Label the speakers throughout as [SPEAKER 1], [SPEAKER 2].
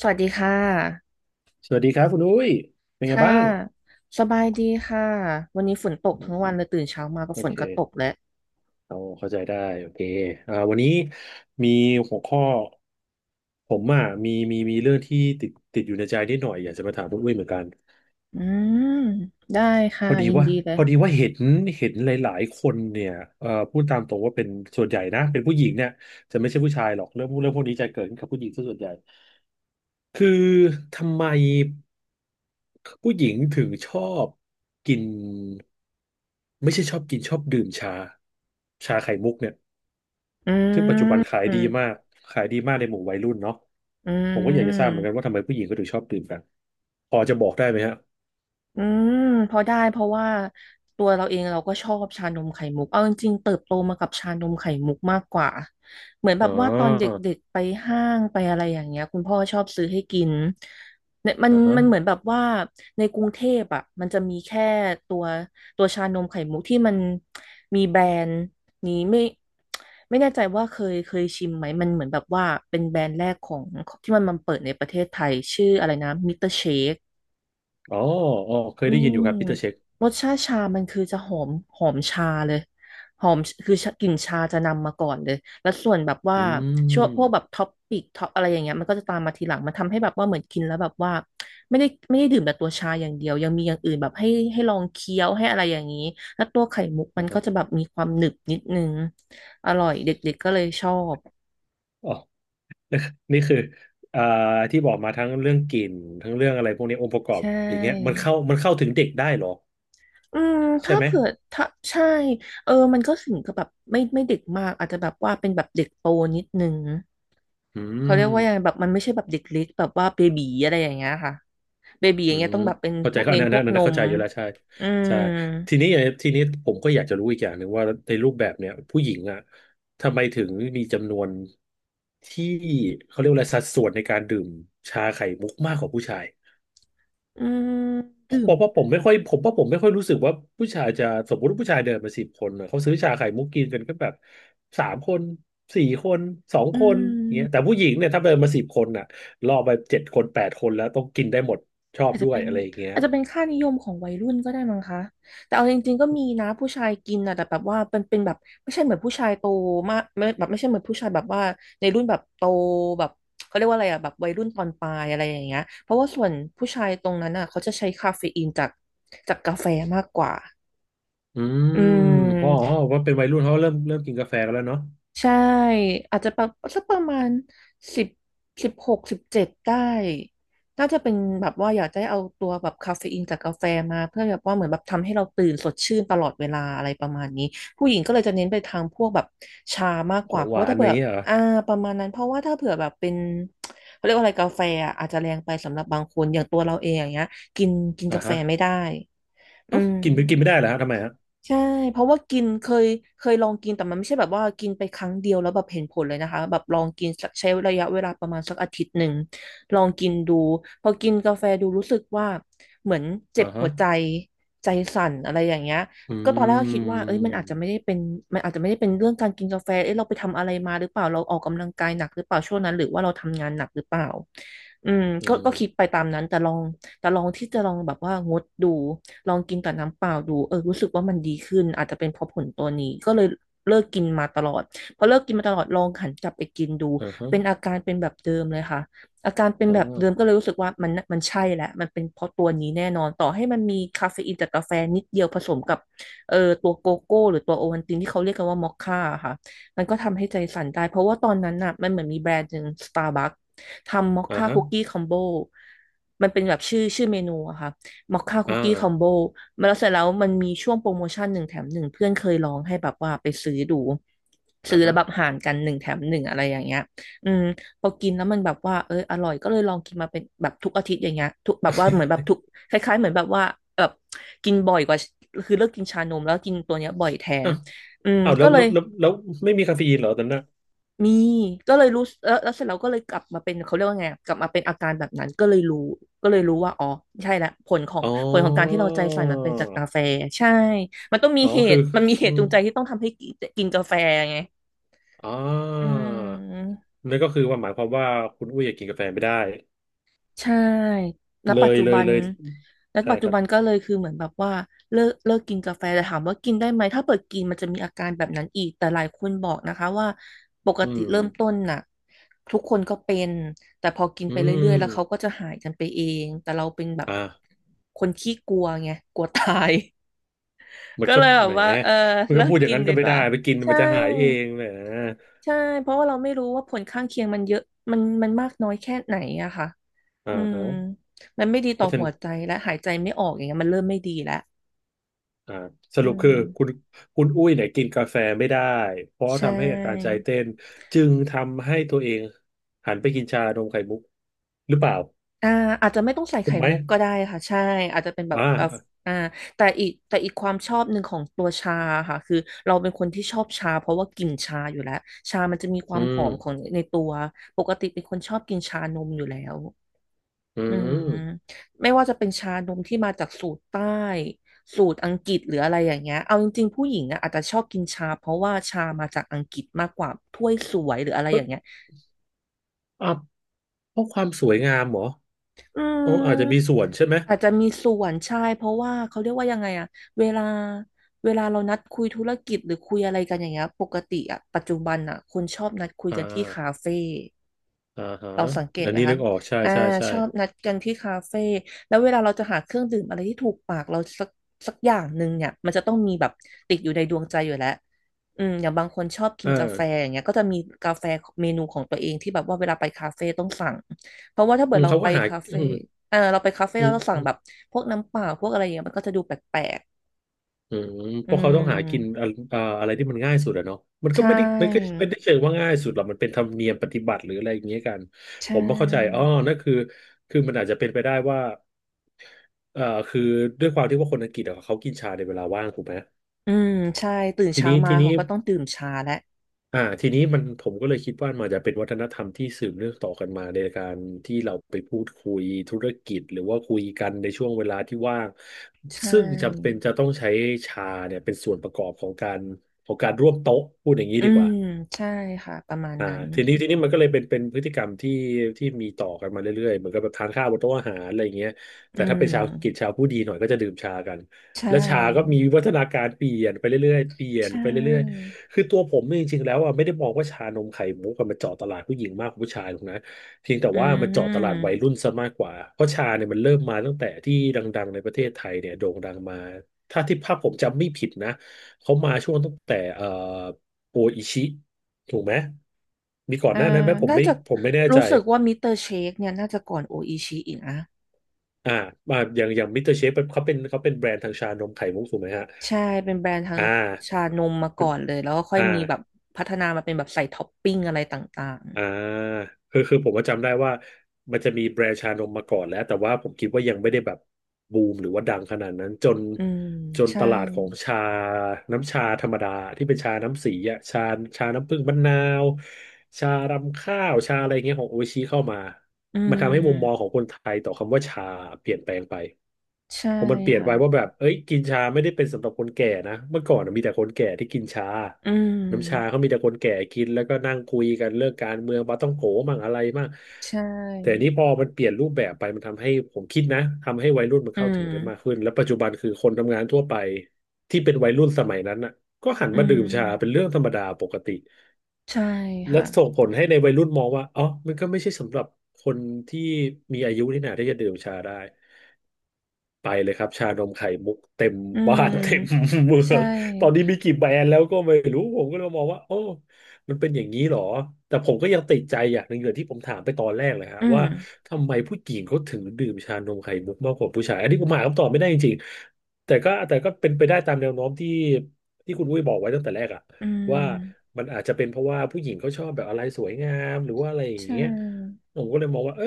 [SPEAKER 1] สวัสดีค่ะ
[SPEAKER 2] สวัสดีครับคุณอุ้ยเป็นไง
[SPEAKER 1] ค่ะ
[SPEAKER 2] บ้าง
[SPEAKER 1] สบายดีค่ะ วันนี้ฝนตก
[SPEAKER 2] อื
[SPEAKER 1] ทั้
[SPEAKER 2] ม
[SPEAKER 1] งวันเลยตื่นเช้ามาก็
[SPEAKER 2] โอ
[SPEAKER 1] ฝน
[SPEAKER 2] เค
[SPEAKER 1] ก็ตกแล้ว
[SPEAKER 2] เอาเข้าใจได้โอเควันนี้มีหัวข้อผมอ่ะมีเรื่องที่ติดอยู่ในใจนิดหน่อยอยากจะมาถามคุณอุ้ยเหมือนกัน
[SPEAKER 1] อืม ได้ค่ะ
[SPEAKER 2] พอดี
[SPEAKER 1] ยิน
[SPEAKER 2] ว่า
[SPEAKER 1] ดีเล
[SPEAKER 2] พ
[SPEAKER 1] ย
[SPEAKER 2] อดีว่าเห็นหลายๆคนเนี่ยพูดตามตรงว่าเป็นส่วนใหญ่นะเป็นผู้หญิงเนี่ยจะไม่ใช่ผู้ชายหรอกเรื่องพวกนี้จะเกิดขึ้นกับผู้หญิงซะส่วนใหญ่ คือทำไมผู้หญิงถึงชอบกินไม่ใช่ชอบกินชอบดื่มชาชาไข่มุกเนี่ย
[SPEAKER 1] อื
[SPEAKER 2] ซึ่งปัจจุบันขา
[SPEAKER 1] ม
[SPEAKER 2] ยดีมากขายดีมากในหมู่วัยรุ่นเนาะ
[SPEAKER 1] อื
[SPEAKER 2] ผมก็อยากจะทราบเหมือนกัน
[SPEAKER 1] ม
[SPEAKER 2] ว่าทำไมผู้หญิงก็ถึงชอบดื่มกันพอจะบอกได้ไหมฮะ
[SPEAKER 1] อืมพอได้เพราะว่าตัวเราเองเราก็ชอบชานมไข่มุกเอาจริงๆเติบโตมากับชานมไข่มุกมากกว่าเหมือนแบ
[SPEAKER 2] อ๋
[SPEAKER 1] บว่าตอนเด
[SPEAKER 2] อ
[SPEAKER 1] ็กๆไปห้างไปอะไรอย่างเงี้ยคุณพ่อชอบซื้อให้กินเนี่ยมัน
[SPEAKER 2] อ่าฮะ
[SPEAKER 1] มันเหมือนแบบว่าในกรุงเทพอ่ะมันจะมีแค่ตัวตัวชานมไข่มุกที่มันมีแบรนด์นี้ไม่แน่ใจว่าเคยชิมไหมมันเหมือนแบบว่าเป็นแบรนด์แรกของที่มันมาเปิดในประเทศไทยชื่ออะไรนะมิสเตอร์เชค
[SPEAKER 2] อ๋ออ๋อเค
[SPEAKER 1] อื
[SPEAKER 2] ยได้ยินอ
[SPEAKER 1] ม
[SPEAKER 2] ยู่ครับปีเตอร์เช็ค
[SPEAKER 1] รสชาติชามันคือจะหอมหอมชาเลยหอมคือชากลิ่นชาจะนำมาก่อนเลยแล้วส่วนแบบว่า
[SPEAKER 2] อื
[SPEAKER 1] ช่วงพวกแบบ
[SPEAKER 2] ม
[SPEAKER 1] ท็อปปิกท็อปอะไรอย่างเงี้ยมันก็จะตามมาทีหลังมันทำให้แบบว่าเหมือนกินแล้วแบบว่าไม่ได้ดื่มแต่ตัวชาอย่างเดียวยังมีอย่างอื่นแบบให้ลองเคี้ยวให้อะไรอย่างนี้แล้วตัวไข่มุก
[SPEAKER 2] อ๋
[SPEAKER 1] มั
[SPEAKER 2] อ
[SPEAKER 1] น
[SPEAKER 2] ค
[SPEAKER 1] ก็
[SPEAKER 2] รับ
[SPEAKER 1] จะแบบมีความหนึบนิดนึงอร่อยเด็กๆก็เลยชอบ
[SPEAKER 2] อ๋อนี่คืออ่าที่บอกมาทั้งเรื่องกลิ่นทั้งเรื่องอะไรพวกนี้องค์ประกอ
[SPEAKER 1] ใช
[SPEAKER 2] บอย่างเงี้ยมัน
[SPEAKER 1] ่
[SPEAKER 2] เข้ามันเข้าถึงเด็กได้เหรอ
[SPEAKER 1] อืม
[SPEAKER 2] ใช่
[SPEAKER 1] ถ้า
[SPEAKER 2] ไหม
[SPEAKER 1] เผื่อถ้าใช่เออมันก็ถึงกับแบบไม่เด็กมากอาจจะแบบว่าเป็นแบบเด็กโตนิดนึง
[SPEAKER 2] อื
[SPEAKER 1] เขา
[SPEAKER 2] ม
[SPEAKER 1] เรียกว่ายังไงแบบมันไม่ใช่แบบเด็กเล็กแบบว่าเบบีอะไรอย่างเงี้ยค่ะเบบีอ
[SPEAKER 2] อื
[SPEAKER 1] ย่างเงี้ย
[SPEAKER 2] ม
[SPEAKER 1] ต้องแบบเป็น
[SPEAKER 2] เข้า
[SPEAKER 1] พ
[SPEAKER 2] ใจ
[SPEAKER 1] วก
[SPEAKER 2] ก็อั
[SPEAKER 1] เน้
[SPEAKER 2] น
[SPEAKER 1] น
[SPEAKER 2] นั้น
[SPEAKER 1] พว
[SPEAKER 2] อั
[SPEAKER 1] ก
[SPEAKER 2] น
[SPEAKER 1] น
[SPEAKER 2] นั้นเข้า
[SPEAKER 1] ม
[SPEAKER 2] ใจอยู่แล้วใช่
[SPEAKER 1] อื
[SPEAKER 2] ใช่
[SPEAKER 1] ม
[SPEAKER 2] ทีนี้ทีนี้ผมก็อยากจะรู้อีกอย่างหนึ่งว่าในรูปแบบเนี่ยผู้หญิงอ่ะทำไมถึงมีจำนวนที่เขาเรียกว่าอะไรสัดส่วนในการดื่มชาไข่มุกมากกว่าผู้ชาย
[SPEAKER 1] อืมดื่
[SPEAKER 2] ผ
[SPEAKER 1] ม
[SPEAKER 2] มว่าผมไม่ค่อยผมว่าผมไม่ค่อยรู้สึกว่าผู้ชายจะสมมติว่าผู้ชายเดินมาสิบคนน่ะเขาซื้อชาไข่มุกกินกันก็แบบสามคนสี่คนสอง
[SPEAKER 1] อื
[SPEAKER 2] คนอ
[SPEAKER 1] ม
[SPEAKER 2] ย่างเงี้ยแต่ผู้หญิงเนี่ยถ้าเดินมาสิบคนน่ะล่อไปเจ็ดคนแปดคนแล้วต้องกินได้หมดชอบ
[SPEAKER 1] อาจ
[SPEAKER 2] ด้
[SPEAKER 1] จะ
[SPEAKER 2] วย
[SPEAKER 1] เป็น
[SPEAKER 2] อะไรอย่างเงี้ย
[SPEAKER 1] อาจจะเป็นค่านิยมของวัยรุ่นก็ได้มั้งคะแต่เอาจริงๆก็มีนะผู้ชายกินอ่ะแต่แบบว่าเป็นแบบไม่ใช่เหมือนผู้ชายโตมากไม่แบบไม่ใช่เหมือนผู้ชายแบบว่าในรุ่นแบบโตแบบเขาเรียกว่าอะไรอ่ะแบบวัยรุ่นตอนปลายอะไรอย่างเงี้ยเพราะว่าส่วนผู้ชายตรงนั้นอ่ะเขาจะใช้คาเฟอีนจากกาแฟมากกว่า
[SPEAKER 2] อื
[SPEAKER 1] อื
[SPEAKER 2] มพ่ะออ
[SPEAKER 1] ม
[SPEAKER 2] ว่าเป็นวัยรุ่นเขาเริ่มกินกาแฟกันแล้วเนาะ
[SPEAKER 1] ใช่อาจจะประสักประมาณสิบ16-17ได้น่าจะเป็นแบบว่าอยากได้เอาตัวแบบคาเฟอีนจากกาแฟมาเพื่อแบบว่าเหมือนแบบทำให้เราตื่นสดชื่นตลอดเวลาอะไรประมาณนี้ผู้หญิงก็เลยจะเน้นไปทางพวกแบบชามากก
[SPEAKER 2] ขอ
[SPEAKER 1] ว่า
[SPEAKER 2] ง
[SPEAKER 1] เพ
[SPEAKER 2] ห
[SPEAKER 1] ราะว่า
[SPEAKER 2] วาน
[SPEAKER 1] ถ้า
[SPEAKER 2] อ
[SPEAKER 1] เผื่
[SPEAKER 2] ย่า
[SPEAKER 1] อ
[SPEAKER 2] งเงี้ยเหรอ
[SPEAKER 1] อ่าประมาณนั้นเพราะว่าถ้าเผื่อแบบเป็นเขาเรียกว่าอะไรกาแฟอะอาจจะแรงไปสำหรับบางคนอย่างตัวเราเองอย่างเงี้ยกินกิน
[SPEAKER 2] อ่า
[SPEAKER 1] กาแฟ
[SPEAKER 2] ฮะ
[SPEAKER 1] ไม่ได้อื
[SPEAKER 2] เอ้า
[SPEAKER 1] ม
[SPEAKER 2] กินไปกินไม่ได้เหรอฮะทำไมฮะ
[SPEAKER 1] ใช่เพราะว่ากินเคยลองกินแต่มันไม่ใช่แบบว่ากินไปครั้งเดียวแล้วแบบเห็นผลเลยนะคะแบบลองกินสักใช้ระยะเวลาประมาณสักอาทิตย์หนึ่งลองกินดูพอกินกาแฟดูรู้สึกว่าเหมือนเจ็
[SPEAKER 2] อ่า
[SPEAKER 1] บ
[SPEAKER 2] ฮะ
[SPEAKER 1] หัวใจใจสั่นอะไรอย่างเงี้ย
[SPEAKER 2] อื
[SPEAKER 1] ก็ตอนแรกก็คิดว่าเอ้ยมันอาจจะ
[SPEAKER 2] ม
[SPEAKER 1] ไม่ได้เป็นมันอาจจะไม่ได้เป็นเรื่องการกินกาแฟเอ้ยเราไปทำอะไรมาหรือเปล่าเราออกกำลังกายหนักหรือเปล่าช่วงนั้นหรือว่าเราทำงานหนักหรือเปล่าอืม
[SPEAKER 2] เอ
[SPEAKER 1] ก็
[SPEAKER 2] อ
[SPEAKER 1] คิดไปตามนั้นแต่ลองแต่ลองที่จะลองแบบว่างดดู ลองกินกับน้ำเปล่าดูเออรู้สึกว่ามันดีขึ้นอาจจะเป็นเพราะผลตัวนี้ก็เลยเลิกกินมาตลอดพอเลิกกินมาตลอดลองหันกลับไปกินดู
[SPEAKER 2] อ่าฮะ
[SPEAKER 1] เป็นอาการเป็นแบบเดิมเลยค่ะอาการเป็น
[SPEAKER 2] อ๋อ
[SPEAKER 1] แบบเดิมก็เลยรู้สึกว่ามันมันใช่แหละมันเป็นเพราะตัวนี้แน่นอนต่อให้มันมีคาเฟอีนจากกาแฟนิดเดียวผสมกับตัวโกโก้หรือตัวโอวัลตินที่เขาเรียกกันว่ามอคค่าค่ะมันก็ทำให้ใจสั่นได้เพราะว่าตอนนั้นน่ะมันเหมือนมีแบรนด์หนึ่งสตาร์บัคทำมอค
[SPEAKER 2] อ่า
[SPEAKER 1] ค่า
[SPEAKER 2] ฮะ
[SPEAKER 1] คุกกี้คอมโบมันเป็นแบบชื่อเมนูอะค่ะ มอคค่าคุ
[SPEAKER 2] อ่า
[SPEAKER 1] กกี้
[SPEAKER 2] อ
[SPEAKER 1] คอมโบมาแล้วเสร็จแล้วมันมีช่วงโปรโมชั่นหนึ่งแถมหนึ่งเพื่อนเคยลองให้แบบว่าไปซื้อดูซื้
[SPEAKER 2] ่า
[SPEAKER 1] อแล้ว
[SPEAKER 2] ฮะ
[SPEAKER 1] แบบห่างกันหนึ่งแถมหนึ่งอะไรอย่างเงี้ยอืมพอกินแล้วมันแบบว่าเอออร่อยก็เลยลองกินมาเป็นแบบทุกอาทิตย์อย่างเงี้ยทุกแบบว่าเหมือนแบบทุกคล้ายๆเหมือนแบบว่าแบบกินบ่อยกว่าคือเลิกกินชานมแล้วกินตัวเนี้ยบ่อยแทน
[SPEAKER 2] อ้าว
[SPEAKER 1] อืม
[SPEAKER 2] อ้าวแล้
[SPEAKER 1] ก็
[SPEAKER 2] ว
[SPEAKER 1] เล
[SPEAKER 2] แล้
[SPEAKER 1] ย
[SPEAKER 2] วแล้วแล้วไม่มีคาเฟอีนเหรอตอนนั้นนะ
[SPEAKER 1] มีก็เลยรู้แล้วเสร็จแล้วก็เลยกลับมาเป็นเขาเรียกว่าไงอะกลับมาเป็นอาการแบบนั้นก็เลยรู้ว่าอ๋อใช่ละผลของ
[SPEAKER 2] อ๋
[SPEAKER 1] การที่
[SPEAKER 2] อ
[SPEAKER 1] เราใจใส่มันเป็นจากกาแฟใช่มันต้องมี
[SPEAKER 2] อ๋อ
[SPEAKER 1] เห
[SPEAKER 2] คือ
[SPEAKER 1] ตุมันมีเห
[SPEAKER 2] อื
[SPEAKER 1] ตุ
[SPEAKER 2] ม
[SPEAKER 1] จูงใจที่ต้องทำให้กินกาแฟไงอื
[SPEAKER 2] ออ
[SPEAKER 1] ม
[SPEAKER 2] นั่นก็คือว่าหมายความว่าคุณอุ้ยอยากกินกาแฟไม่ได้
[SPEAKER 1] ใช่แล้ว
[SPEAKER 2] เล
[SPEAKER 1] ปัจ
[SPEAKER 2] ย
[SPEAKER 1] จุ
[SPEAKER 2] เล
[SPEAKER 1] บั
[SPEAKER 2] ย
[SPEAKER 1] น
[SPEAKER 2] เลยใช่ครั
[SPEAKER 1] ก็
[SPEAKER 2] บ
[SPEAKER 1] เลยคือเหมือนแบบว่าเลิกกินกาแฟแต่ถามว่ากินได้ไหมถ้าเปิดกินมันจะมีอาการแบบนั้นอีกแต่หลายคนบอกนะคะว่าปก
[SPEAKER 2] อื
[SPEAKER 1] ติ
[SPEAKER 2] ม
[SPEAKER 1] เริ่มต้นน่ะทุกคนก็เป็นแต่พอกิน
[SPEAKER 2] อื
[SPEAKER 1] ไปเรื่
[SPEAKER 2] ม
[SPEAKER 1] อยๆแล้วเขาก็จะหายกันไปเองแต่เราเป็นแบบ
[SPEAKER 2] อ่า
[SPEAKER 1] คนขี้กลัวไงกลัวตาย
[SPEAKER 2] มัน
[SPEAKER 1] ก็
[SPEAKER 2] ก็
[SPEAKER 1] เลยแบ
[SPEAKER 2] แห
[SPEAKER 1] บ
[SPEAKER 2] ม
[SPEAKER 1] ว่าเออ
[SPEAKER 2] มัน
[SPEAKER 1] เลิ
[SPEAKER 2] ก็พู
[SPEAKER 1] ก
[SPEAKER 2] ดอย่า
[SPEAKER 1] กิ
[SPEAKER 2] ง
[SPEAKER 1] น
[SPEAKER 2] นั้น
[SPEAKER 1] ดี
[SPEAKER 2] ก็ไม่
[SPEAKER 1] ก
[SPEAKER 2] ได้
[SPEAKER 1] ว่า
[SPEAKER 2] ไปกิน
[SPEAKER 1] ใช่
[SPEAKER 2] มันจะหายเองแหม
[SPEAKER 1] ใช่เพราะว่าเราไม่รู้ว่าผลข้างเคียงมันเยอะมันมากน้อยแค่ไหนอะค่ะ
[SPEAKER 2] อ่า
[SPEAKER 1] อืม
[SPEAKER 2] ฮะ
[SPEAKER 1] มันไม่ดี
[SPEAKER 2] เพ
[SPEAKER 1] ต่อ
[SPEAKER 2] ราะฉะ
[SPEAKER 1] หั
[SPEAKER 2] นั้น
[SPEAKER 1] วใจและหายใจไม่ออกอย่างเงี้ยมันเริ่มไม่ดีแล้ว
[SPEAKER 2] อ่าส
[SPEAKER 1] อื
[SPEAKER 2] รุปคือคุณ
[SPEAKER 1] ม
[SPEAKER 2] คุณอุ้ยเนี่ยกินกาแฟไม่ได้เพราะ
[SPEAKER 1] ใช
[SPEAKER 2] ทำให้อาการใจ
[SPEAKER 1] ่
[SPEAKER 2] เต้นจึงทำให้ตัวเองหันไปกินชานมไข่มุกหรือเปล่า
[SPEAKER 1] อ่าอาจจะไม่ต้องใส่
[SPEAKER 2] ถู
[SPEAKER 1] ไข่
[SPEAKER 2] กไหม
[SPEAKER 1] มุกก็ได้ค่ะ ใช่อาจจะเป็นแบ
[SPEAKER 2] อ่
[SPEAKER 1] บอ่อ
[SPEAKER 2] า
[SPEAKER 1] อ่าแต่อีกความชอบหนึ่งของตัวชาค่ะ คือเราเป็นคนที่ชอบชาเพราะว่ากลิ่นชาอยู่แล้ว ชามันจะมีควา
[SPEAKER 2] อื
[SPEAKER 1] มหอ
[SPEAKER 2] ม
[SPEAKER 1] มของในตัวปกติเป็นคนชอบกินชานมอยู่แล้ว
[SPEAKER 2] อื
[SPEAKER 1] อืม
[SPEAKER 2] ม
[SPEAKER 1] ไม่ว่าจะเป็นชานมที่มาจากสูตรใต้สูตรอังกฤษหรืออะไรอย่างเงี้ยเอาจริงๆผู้หญิงอะอาจจะชอบกินชาเพราะว่าชามาจากอังกฤษมากกว่าถ้วยสวยหรืออะไร
[SPEAKER 2] เพ
[SPEAKER 1] อ
[SPEAKER 2] ราะ
[SPEAKER 1] ย่างเงี้ย
[SPEAKER 2] อ่ะเพราะความสวยงามเหรอ
[SPEAKER 1] อื
[SPEAKER 2] อ๋ออาจ
[SPEAKER 1] ม
[SPEAKER 2] จะมีส่วนใช่ไหม
[SPEAKER 1] อาจจะมีส่วนใช่เพราะว่าเขาเรียกว่ายังไงอะเวลาเวลาเรานัดคุยธุรกิจหรือคุยอะไรกันอย่างเงี้ยปกติอะปัจจุบันอะคนชอบนัดคุย
[SPEAKER 2] อ่า
[SPEAKER 1] กันที่คาเฟ่
[SPEAKER 2] อ่าฮะ
[SPEAKER 1] เราสังเกต
[SPEAKER 2] อัน
[SPEAKER 1] ไหม
[SPEAKER 2] นี้
[SPEAKER 1] คะ
[SPEAKER 2] นึกออกใช่
[SPEAKER 1] อ่า
[SPEAKER 2] ใช่ใช่
[SPEAKER 1] ชอบนัดกันที่คาเฟ่แล้วเวลาเราจะหาเครื่องดื่มอะไรที่ถูกปากเราสักอย่างหนึ่งเนี่ยมันจะต้องมีแบบติดอยู่ในดวงใจอยู่แล้วอืมอย่างบางคนชอบกิ
[SPEAKER 2] อ
[SPEAKER 1] นกาแฟ
[SPEAKER 2] ่า
[SPEAKER 1] อย่างเงี้ยก็จะมีกาแฟเมนูของตัวเองที่แบบว่าเวลาไปคาเฟ่ต้องสั่งเพราะว่าถ้าเกิ
[SPEAKER 2] อื
[SPEAKER 1] ด
[SPEAKER 2] ม
[SPEAKER 1] เรา
[SPEAKER 2] เขา
[SPEAKER 1] ไป
[SPEAKER 2] ก็หา
[SPEAKER 1] คา
[SPEAKER 2] อื
[SPEAKER 1] เฟ่
[SPEAKER 2] ม
[SPEAKER 1] เออเราไปคาเฟ่
[SPEAKER 2] อื
[SPEAKER 1] แล้วเราสั่งแบบ
[SPEAKER 2] ม
[SPEAKER 1] พวกน้ำเปล่าพวกอะไรอย่างเงี้ยมันก็จะดูแปลก
[SPEAKER 2] อืม
[SPEAKER 1] ๆอื
[SPEAKER 2] เพราะเขาต้
[SPEAKER 1] ม
[SPEAKER 2] องหากินอะอ่าอะไรที่มันง่ายสุดอะเนาะมันก็
[SPEAKER 1] ใช่
[SPEAKER 2] ไม่ได้มันก็ไม่ได้เชิงว่าง่ายสุดหรอกมันเป็นธรรมเนียมปฏิบัติหรืออะไรอย่างเงี้ยกัน
[SPEAKER 1] ใช
[SPEAKER 2] ผมไม่เข้าใจอ๋อ
[SPEAKER 1] ่
[SPEAKER 2] นั่นคือคือมันอาจจะเป็นไปได้ว่าเอ่อคือด้วยความที่ว่าคนอังกฤษอะเขากินชาในเวลาว่างถูกไหม
[SPEAKER 1] อืมใช่ตื่น
[SPEAKER 2] ที
[SPEAKER 1] เช้า
[SPEAKER 2] นี้
[SPEAKER 1] มา
[SPEAKER 2] ทีนี้
[SPEAKER 1] เขาก็ต้องดื่มชาแล้ว
[SPEAKER 2] อ่าทีนี้มันผมก็เลยคิดว่ามันจะเป็นวัฒนธรรมที่สืบเนื่องต่อกันมาในการที่เราไปพูดคุยธุรกิจหรือว่าคุยกันในช่วงเวลาที่ว่าง
[SPEAKER 1] ใช่
[SPEAKER 2] ซึ่งจำเป็นจะต้องใช้ชาเนี่ยเป็นส่วนประกอบของการร่วมโต๊ะพูดอย่างนี้
[SPEAKER 1] อื
[SPEAKER 2] ดีก
[SPEAKER 1] ม
[SPEAKER 2] ว่า
[SPEAKER 1] ใช่ค่ะประมาณ
[SPEAKER 2] อ่า
[SPEAKER 1] นั้น
[SPEAKER 2] ทีนี้ทีนี้มันก็เลยเป็นพฤติกรรมที่ที่มีต่อกันมาเรื่อยๆเหมือนกับแบบทานข้าวบนโต๊ะอาหารอะไรอย่างเงี้ย
[SPEAKER 1] อื
[SPEAKER 2] แต่ถ้าเป็นชาวกิจ
[SPEAKER 1] ม
[SPEAKER 2] ชาวผู้ดีหน่อยก็จะดื่มชากัน
[SPEAKER 1] ใช
[SPEAKER 2] และชาก็มี
[SPEAKER 1] ่
[SPEAKER 2] วิวัฒนาการเปลี่ยนไปเรื่อยๆเปลี่ย
[SPEAKER 1] ใช
[SPEAKER 2] นไปเรื่อย
[SPEAKER 1] ่
[SPEAKER 2] ๆคือตัวผมเนี่ยจริงๆแล้วอ่ะไม่ได้มองว่าชานมไข่มุกอะมันเจาะตลาดผู้หญิงมากกว่าผู้ชายหรอกนะเพียงแต่
[SPEAKER 1] อื
[SPEAKER 2] ว่ามันเจาะตลาดวัย
[SPEAKER 1] ม
[SPEAKER 2] รุ่นซะมากกว่าเพราะชาเนี่ยมันเริ่มมาตั้งแต่ที่ดังๆในประเทศไทยเนี่ยโด่งดังมาถ้าที่ภาพผมจำไม่ผิดนะเขามาช่วงตั้งแต่โออิชิ ถูกไหม มีก่อน
[SPEAKER 1] อ่า
[SPEAKER 2] หน้านั้นไหมผม
[SPEAKER 1] น่า
[SPEAKER 2] ไม่
[SPEAKER 1] จะ
[SPEAKER 2] ผมไม่แน่ใจ
[SPEAKER 1] รู้สึกว่ามิสเตอร์เชคเนี่ยน่าจะก่อนโออิชิอีกนะ
[SPEAKER 2] อ่ามาอย่างมิสเตอร์เชฟเขาเป็นแบรนด์ทางชานมไข่มุกถูกไหมฮะ
[SPEAKER 1] ใช่เป็นแบรนด์ทาง
[SPEAKER 2] อ่
[SPEAKER 1] ชา
[SPEAKER 2] า
[SPEAKER 1] นมมาก่อนเลยแล้วก็ค่อ
[SPEAKER 2] อ
[SPEAKER 1] ยมีแบบ
[SPEAKER 2] ่า
[SPEAKER 1] พัฒนามาเป็นแบบใส่ท็อปปิ้งอะไรต่าง
[SPEAKER 2] อ่าคือคือผมก็จำได้ว่ามันจะมีแบรนด์ชานมมาก่อนแล้วแต่ว่าผมคิดว่ายังไม่ได้แบบบูมหรือว่าดังขนาดนั้นจน
[SPEAKER 1] ๆอืม
[SPEAKER 2] จน
[SPEAKER 1] ใช่
[SPEAKER 2] ตลาดของชาน้ำชาธรรมดาที่เป็นชาน้ำสีอ่ะชาชาน้ำผึ้งมะนาว ชารำข้าว ชาอะไรเงี้ยของโออิชิเข้ามา
[SPEAKER 1] อื
[SPEAKER 2] มันทำให้มุมมองขอ
[SPEAKER 1] ม
[SPEAKER 2] งคนไทยต่อคำว่าชาเปลี่ยนแปลงไป
[SPEAKER 1] ใช่
[SPEAKER 2] ผมมันเปลี่ยน
[SPEAKER 1] ค่ะ
[SPEAKER 2] ไปว่าแบบเอ้ยกินชาไม่ได้เป็นสำหรับคนแก่นะเมื่อก่อนน่ะมีแต่คนแก่ที่กินชา
[SPEAKER 1] อื
[SPEAKER 2] น้ำชาเขา
[SPEAKER 1] ม
[SPEAKER 2] มีแต่คนแก่กินแล้วก็นั่งคุยกันเรื่องการเมืองปาต้องโกมั่งอะไรมั่ง
[SPEAKER 1] ใช่
[SPEAKER 2] แต่นี้พอมันเปลี่ยนรูปแบบไปมันทำให้ผมคิดนะทำให้วัยรุ่นมัน
[SPEAKER 1] อื
[SPEAKER 2] เข้าถึง
[SPEAKER 1] ม
[SPEAKER 2] ได้มากขึ้นแล้วปัจจุบันคือคนทำงานทั่วไปที่เป็นวัยรุ่นสมัยนั้นน่ะก็หัน
[SPEAKER 1] อื
[SPEAKER 2] มาดื่มชาเป็น
[SPEAKER 1] ม
[SPEAKER 2] เรื่องธรรมดาปกติ
[SPEAKER 1] ใช่
[SPEAKER 2] และ
[SPEAKER 1] ค่ะ
[SPEAKER 2] ส่งผลให้ในวัยรุ่นมองว่าอ๋อมันก็ไม่ใช่สำหรับคนที่มีอายุนี่นาที่จะดื่มชาได้ ไปเลยครับชานมไข่มุกเต็ม
[SPEAKER 1] อื
[SPEAKER 2] บ้าน เต็ม
[SPEAKER 1] ม
[SPEAKER 2] เมือ
[SPEAKER 1] ใช่
[SPEAKER 2] งตอนนี้มีกี่แบรนด์แล้วก็ไม่รู้ผมก็เลยมองว่าโอ้มันเป็นอย่างนี้เหรอ แต่ผมก็ยังติดใจอย่างหนึ่งเลยที่ผมถามไปตอนแรกเลยฮะ
[SPEAKER 1] อื
[SPEAKER 2] ว่า
[SPEAKER 1] ม
[SPEAKER 2] ทำไมผู้หญิงเขาถึงดื่มชานมไข่มุกมากกว่าผู้ชายอันนี้ผมหาคำตอบไม่ได้จริงๆแต่ก็เป็นไปได้ตามแนวโน้มที่คุณอุ้ยบอกไว้ตั้งแต่แรกอะ
[SPEAKER 1] อื
[SPEAKER 2] ว่า
[SPEAKER 1] ม
[SPEAKER 2] มันอาจจะเป็นเพราะว่าผู้หญิงเขาชอบแบบอะไรสวยงามหรือว่าอะไรอย่า
[SPEAKER 1] ใช
[SPEAKER 2] งเงี้ย
[SPEAKER 1] ่
[SPEAKER 2] ผมก็เลยมองว่าเออ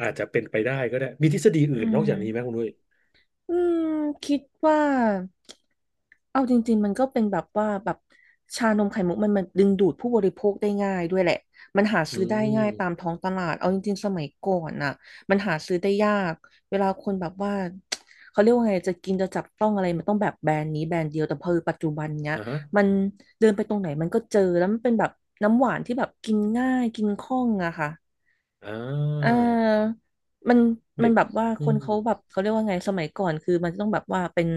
[SPEAKER 2] อาจจะเป็นไปได้ก็ได้มีทฤษฎี
[SPEAKER 1] อื
[SPEAKER 2] อื่นนอก
[SPEAKER 1] ม
[SPEAKER 2] จากนี้ไหมคุณอุ้ย
[SPEAKER 1] อืมคิดว่าเอาจริงๆมันก็เป็นแบบว่าแบบชานมไข่มุกมันดึงดูดผู้บริโภคได้ง่ายด้วยแหละ มันหา
[SPEAKER 2] อื
[SPEAKER 1] ซื้อได้ง่ายตาม
[SPEAKER 2] ม
[SPEAKER 1] ท้องตลาดเอาจริงๆสมัยก่อนน่ะมันหาซื้อได้ยาก เวลาคนแบบว่าเขาเรียกว่าไงจะกินจะจับต้องอะไรมันต้องแบบแบรนด์นี้แบรนด์เดียวแต่พอปัจจุบันเนี้ย
[SPEAKER 2] อ่าฮะ
[SPEAKER 1] มันเดินไปตรงไหนมันก็เจอแล้วมันเป็นแบบน้ำหวานที่แบบกินง่ายกินคล่องอะค่ะ
[SPEAKER 2] อ่
[SPEAKER 1] อ่
[SPEAKER 2] า
[SPEAKER 1] ามัน
[SPEAKER 2] เด็ก
[SPEAKER 1] แบบว่า
[SPEAKER 2] อื
[SPEAKER 1] คน
[SPEAKER 2] ม
[SPEAKER 1] เขาแบบเขาเรียกว่าไงสมัยก่อนคือมันจะต้องแบบว่า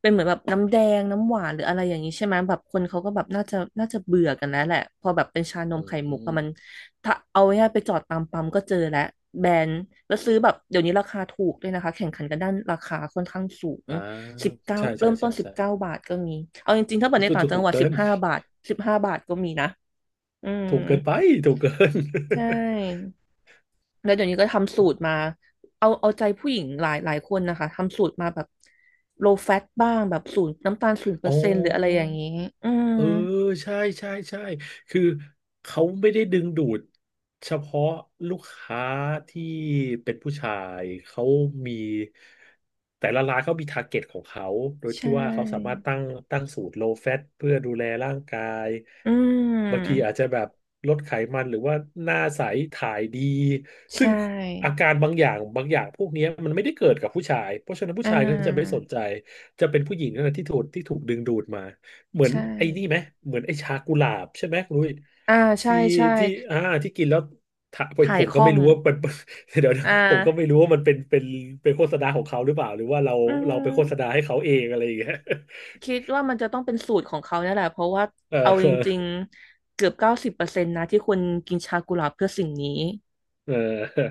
[SPEAKER 1] เป็นเหมือนแบบน้ำแดงน้ำหวานหรืออะไรอย่างนี้ใช่ไหมแบบคนเขาก็แบบน่าจะเบื่อกันแล้วแหละพอแบบเป็นชานม
[SPEAKER 2] อื
[SPEAKER 1] ไข่มุกอะ
[SPEAKER 2] ม
[SPEAKER 1] มันถ้าเอาง่ายๆไปจอดตามปั๊มก็เจอแล้วแบรนด์แล้วซื้อแบบเดี๋ยวนี้ราคาถูกด้วยนะคะแข่งขันกันด้านราคาค่อนข้างสูง
[SPEAKER 2] อ่า
[SPEAKER 1] สิบเก้า
[SPEAKER 2] ใช่
[SPEAKER 1] เริ่
[SPEAKER 2] ใช่
[SPEAKER 1] มต้
[SPEAKER 2] ใช่
[SPEAKER 1] นสิบ
[SPEAKER 2] ใช่
[SPEAKER 1] เก้าบาทก็มีเอาจริงๆถ้าเปิดใน
[SPEAKER 2] ถูก
[SPEAKER 1] ต่างจัง
[SPEAKER 2] ถูก
[SPEAKER 1] หวัด
[SPEAKER 2] เกิ
[SPEAKER 1] สิบ
[SPEAKER 2] น
[SPEAKER 1] ห้าบาทสิบห้าบาทก็มีนะอืม
[SPEAKER 2] ถูกเกินไปถูกเกิน
[SPEAKER 1] ใช่ แล้วเดี๋ยวนี้ก็ทำสูตรมา เอาใจผู้หญิงหลายคนนะคะ ทำสูตรมาแบบ low fat บ้าง แบบศูนย์น้ำตาลศูนย์เปอ
[SPEAKER 2] อ๋
[SPEAKER 1] ร์เซ็นต์หรืออะไรอ
[SPEAKER 2] อ
[SPEAKER 1] ย่างนี้ อืม
[SPEAKER 2] เออ ใช่ใช่ใช่คือเขาไม่ได้ดึงดูดเฉพาะลูกค้าที่เป็นผู้ชาย เขามีแต่ละร้านเขามีทาร์เก็ตของเขา โดย
[SPEAKER 1] ใช
[SPEAKER 2] ที่ว่าเขาสามาร
[SPEAKER 1] ่
[SPEAKER 2] ถตั้งสูตร low fat เพื่อดูแลร่างกาย
[SPEAKER 1] อื
[SPEAKER 2] บางที
[SPEAKER 1] ม
[SPEAKER 2] อาจจะแบบลดไขมันหรือว่าหน้าใสถ่ายดีซึ่
[SPEAKER 1] ใช่
[SPEAKER 2] งอาการบางอย่างบางอย่างพวกเนี้ยมันไม่ได้เกิดกับผู้ชายเพราะฉะนั้นผู้
[SPEAKER 1] อ่
[SPEAKER 2] ชายก็จะไม่ส
[SPEAKER 1] า
[SPEAKER 2] นใจ จะเป็นผู้หญิงนั่นแหละที่ถูกดึงดูดมาเหมือน
[SPEAKER 1] ใช่
[SPEAKER 2] ไอ้นี่ไหมเหมือนไอ้ชากุหลาบใช่ไหมคุณลุย
[SPEAKER 1] อ่าใช่
[SPEAKER 2] ที่
[SPEAKER 1] ใช่
[SPEAKER 2] ที่อ่าที่กินแล้วถา
[SPEAKER 1] ถ่า
[SPEAKER 2] ผ
[SPEAKER 1] ย
[SPEAKER 2] ม
[SPEAKER 1] ค
[SPEAKER 2] ก็
[SPEAKER 1] ล่อ
[SPEAKER 2] ไม่
[SPEAKER 1] ง
[SPEAKER 2] รู้ว่า มันเดี๋ยวนะ
[SPEAKER 1] อ่
[SPEAKER 2] ผมก็ไม่
[SPEAKER 1] า
[SPEAKER 2] รู้ว่ามันเป็นโฆษณาของเขาหรือเปล่าหรือว่าเรา
[SPEAKER 1] อื
[SPEAKER 2] เราไปโฆษณา
[SPEAKER 1] ม
[SPEAKER 2] ให้เขาเองอะไรอย่างเงี้ย
[SPEAKER 1] คิดว่ามันจะต้องเป็นสูตรของเขาเนี่ยแหละ เพราะว่า เอา
[SPEAKER 2] เอ
[SPEAKER 1] จ
[SPEAKER 2] อ
[SPEAKER 1] ริงๆ เกือบ90%นะที่คนกินชากุหลาบเพื่อสิ่งนี้
[SPEAKER 2] เออ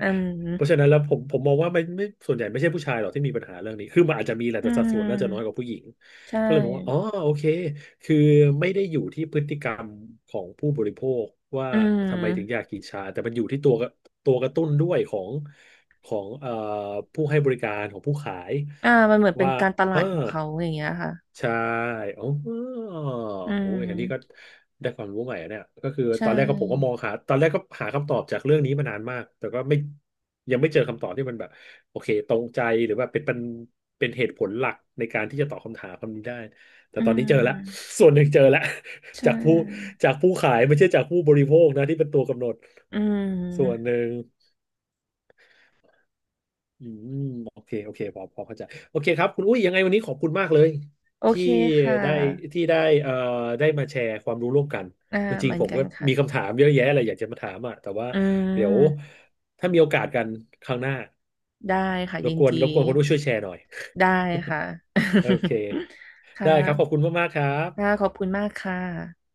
[SPEAKER 1] อื
[SPEAKER 2] เพราะฉะ
[SPEAKER 1] ม
[SPEAKER 2] นั้นแล้วผมมองว่าไม่ส่วนใหญ่ไม่ใช่ผู้ชายหรอกที่มีปัญหาเรื่องนี้คือมันอาจจะมีแหละ
[SPEAKER 1] อื
[SPEAKER 2] แต่สัดส่วนน่าจะน้อยกว่า
[SPEAKER 1] ม
[SPEAKER 2] ผู้หญิง
[SPEAKER 1] ใช่
[SPEAKER 2] ก็เลยมองว่าอ๋อโอเคคือไม่ได้อยู่ที่พฤติกรรมของผู้บริโภคว่า
[SPEAKER 1] อื
[SPEAKER 2] ทำไมถึงอ
[SPEAKER 1] ม
[SPEAKER 2] ยากกินชาแต่มันอยู่ที่ตัวกระตุ้นด้วยของของผู้ให้บริการของผู้ขาย
[SPEAKER 1] อ่ามันเหมือนเป็น
[SPEAKER 2] ว่า
[SPEAKER 1] การตลา
[SPEAKER 2] เออ
[SPEAKER 1] ดของเขาอย่างเงี้ยค่ะ
[SPEAKER 2] ใช่อ๋อ
[SPEAKER 1] อื
[SPEAKER 2] โอ้ยอันนี้ก็
[SPEAKER 1] ม
[SPEAKER 2] ได้ความรู้ใหม่อะเนี่ยก็คือ
[SPEAKER 1] ใช่
[SPEAKER 2] ตอนแรกก็ผมก็มองหาตอนแรกก็หาคำตอบจากเรื่องนี้มานานมากแต่ก็ไม่ยังไม่เจอคำตอบที่มันแบบโอเคตรงใจหรือว่าเป็นเหตุผลหลักในการที่จะตอบคำถามคำนี้ได้แต่
[SPEAKER 1] อื
[SPEAKER 2] ตอนนี้เจอแล้ว
[SPEAKER 1] ม
[SPEAKER 2] ส่วนหนึ่งเจอแล้ว
[SPEAKER 1] ใช
[SPEAKER 2] จากผู้
[SPEAKER 1] ่
[SPEAKER 2] จากผู้ขายไม่ใช่จากผู้บริโภคนะที่เป็นตัวกำหนด
[SPEAKER 1] อื
[SPEAKER 2] ส่วนห
[SPEAKER 1] ม
[SPEAKER 2] นึ่ง อืมโอเคโอเคพอเข้าใจโอเคครับคุณอุ้ยยังไงวันนี้ขอบคุณมากเลย
[SPEAKER 1] โอ
[SPEAKER 2] ที่
[SPEAKER 1] เคค่ะ
[SPEAKER 2] ได้ที่ได้เอ่อได้มาแชร์ความรู้ร่วมกัน
[SPEAKER 1] อ่า
[SPEAKER 2] จ
[SPEAKER 1] เห
[SPEAKER 2] ริง
[SPEAKER 1] มือ
[SPEAKER 2] ๆ
[SPEAKER 1] น
[SPEAKER 2] ผม
[SPEAKER 1] กั
[SPEAKER 2] ก็
[SPEAKER 1] นค่ะ
[SPEAKER 2] มีคำถามเยอะแยะเลยอยากจะมาถามอ่ะแต่ว่า
[SPEAKER 1] อื
[SPEAKER 2] เดี๋ยว
[SPEAKER 1] ม
[SPEAKER 2] ถ้ามีโอกาสกันครั้งหน้า
[SPEAKER 1] ได้ค่ะ
[SPEAKER 2] ร
[SPEAKER 1] ยิ
[SPEAKER 2] บ
[SPEAKER 1] น
[SPEAKER 2] กวน
[SPEAKER 1] ดี
[SPEAKER 2] รบกวนคุณอุ้ยช่วยแชร์หน่อย
[SPEAKER 1] ได้ค่ะ
[SPEAKER 2] โอเค
[SPEAKER 1] ค่
[SPEAKER 2] ได้ครับขอบคุ
[SPEAKER 1] ะ
[SPEAKER 2] ณมากๆครับ
[SPEAKER 1] ค่ะขอบคุณมากค่ะ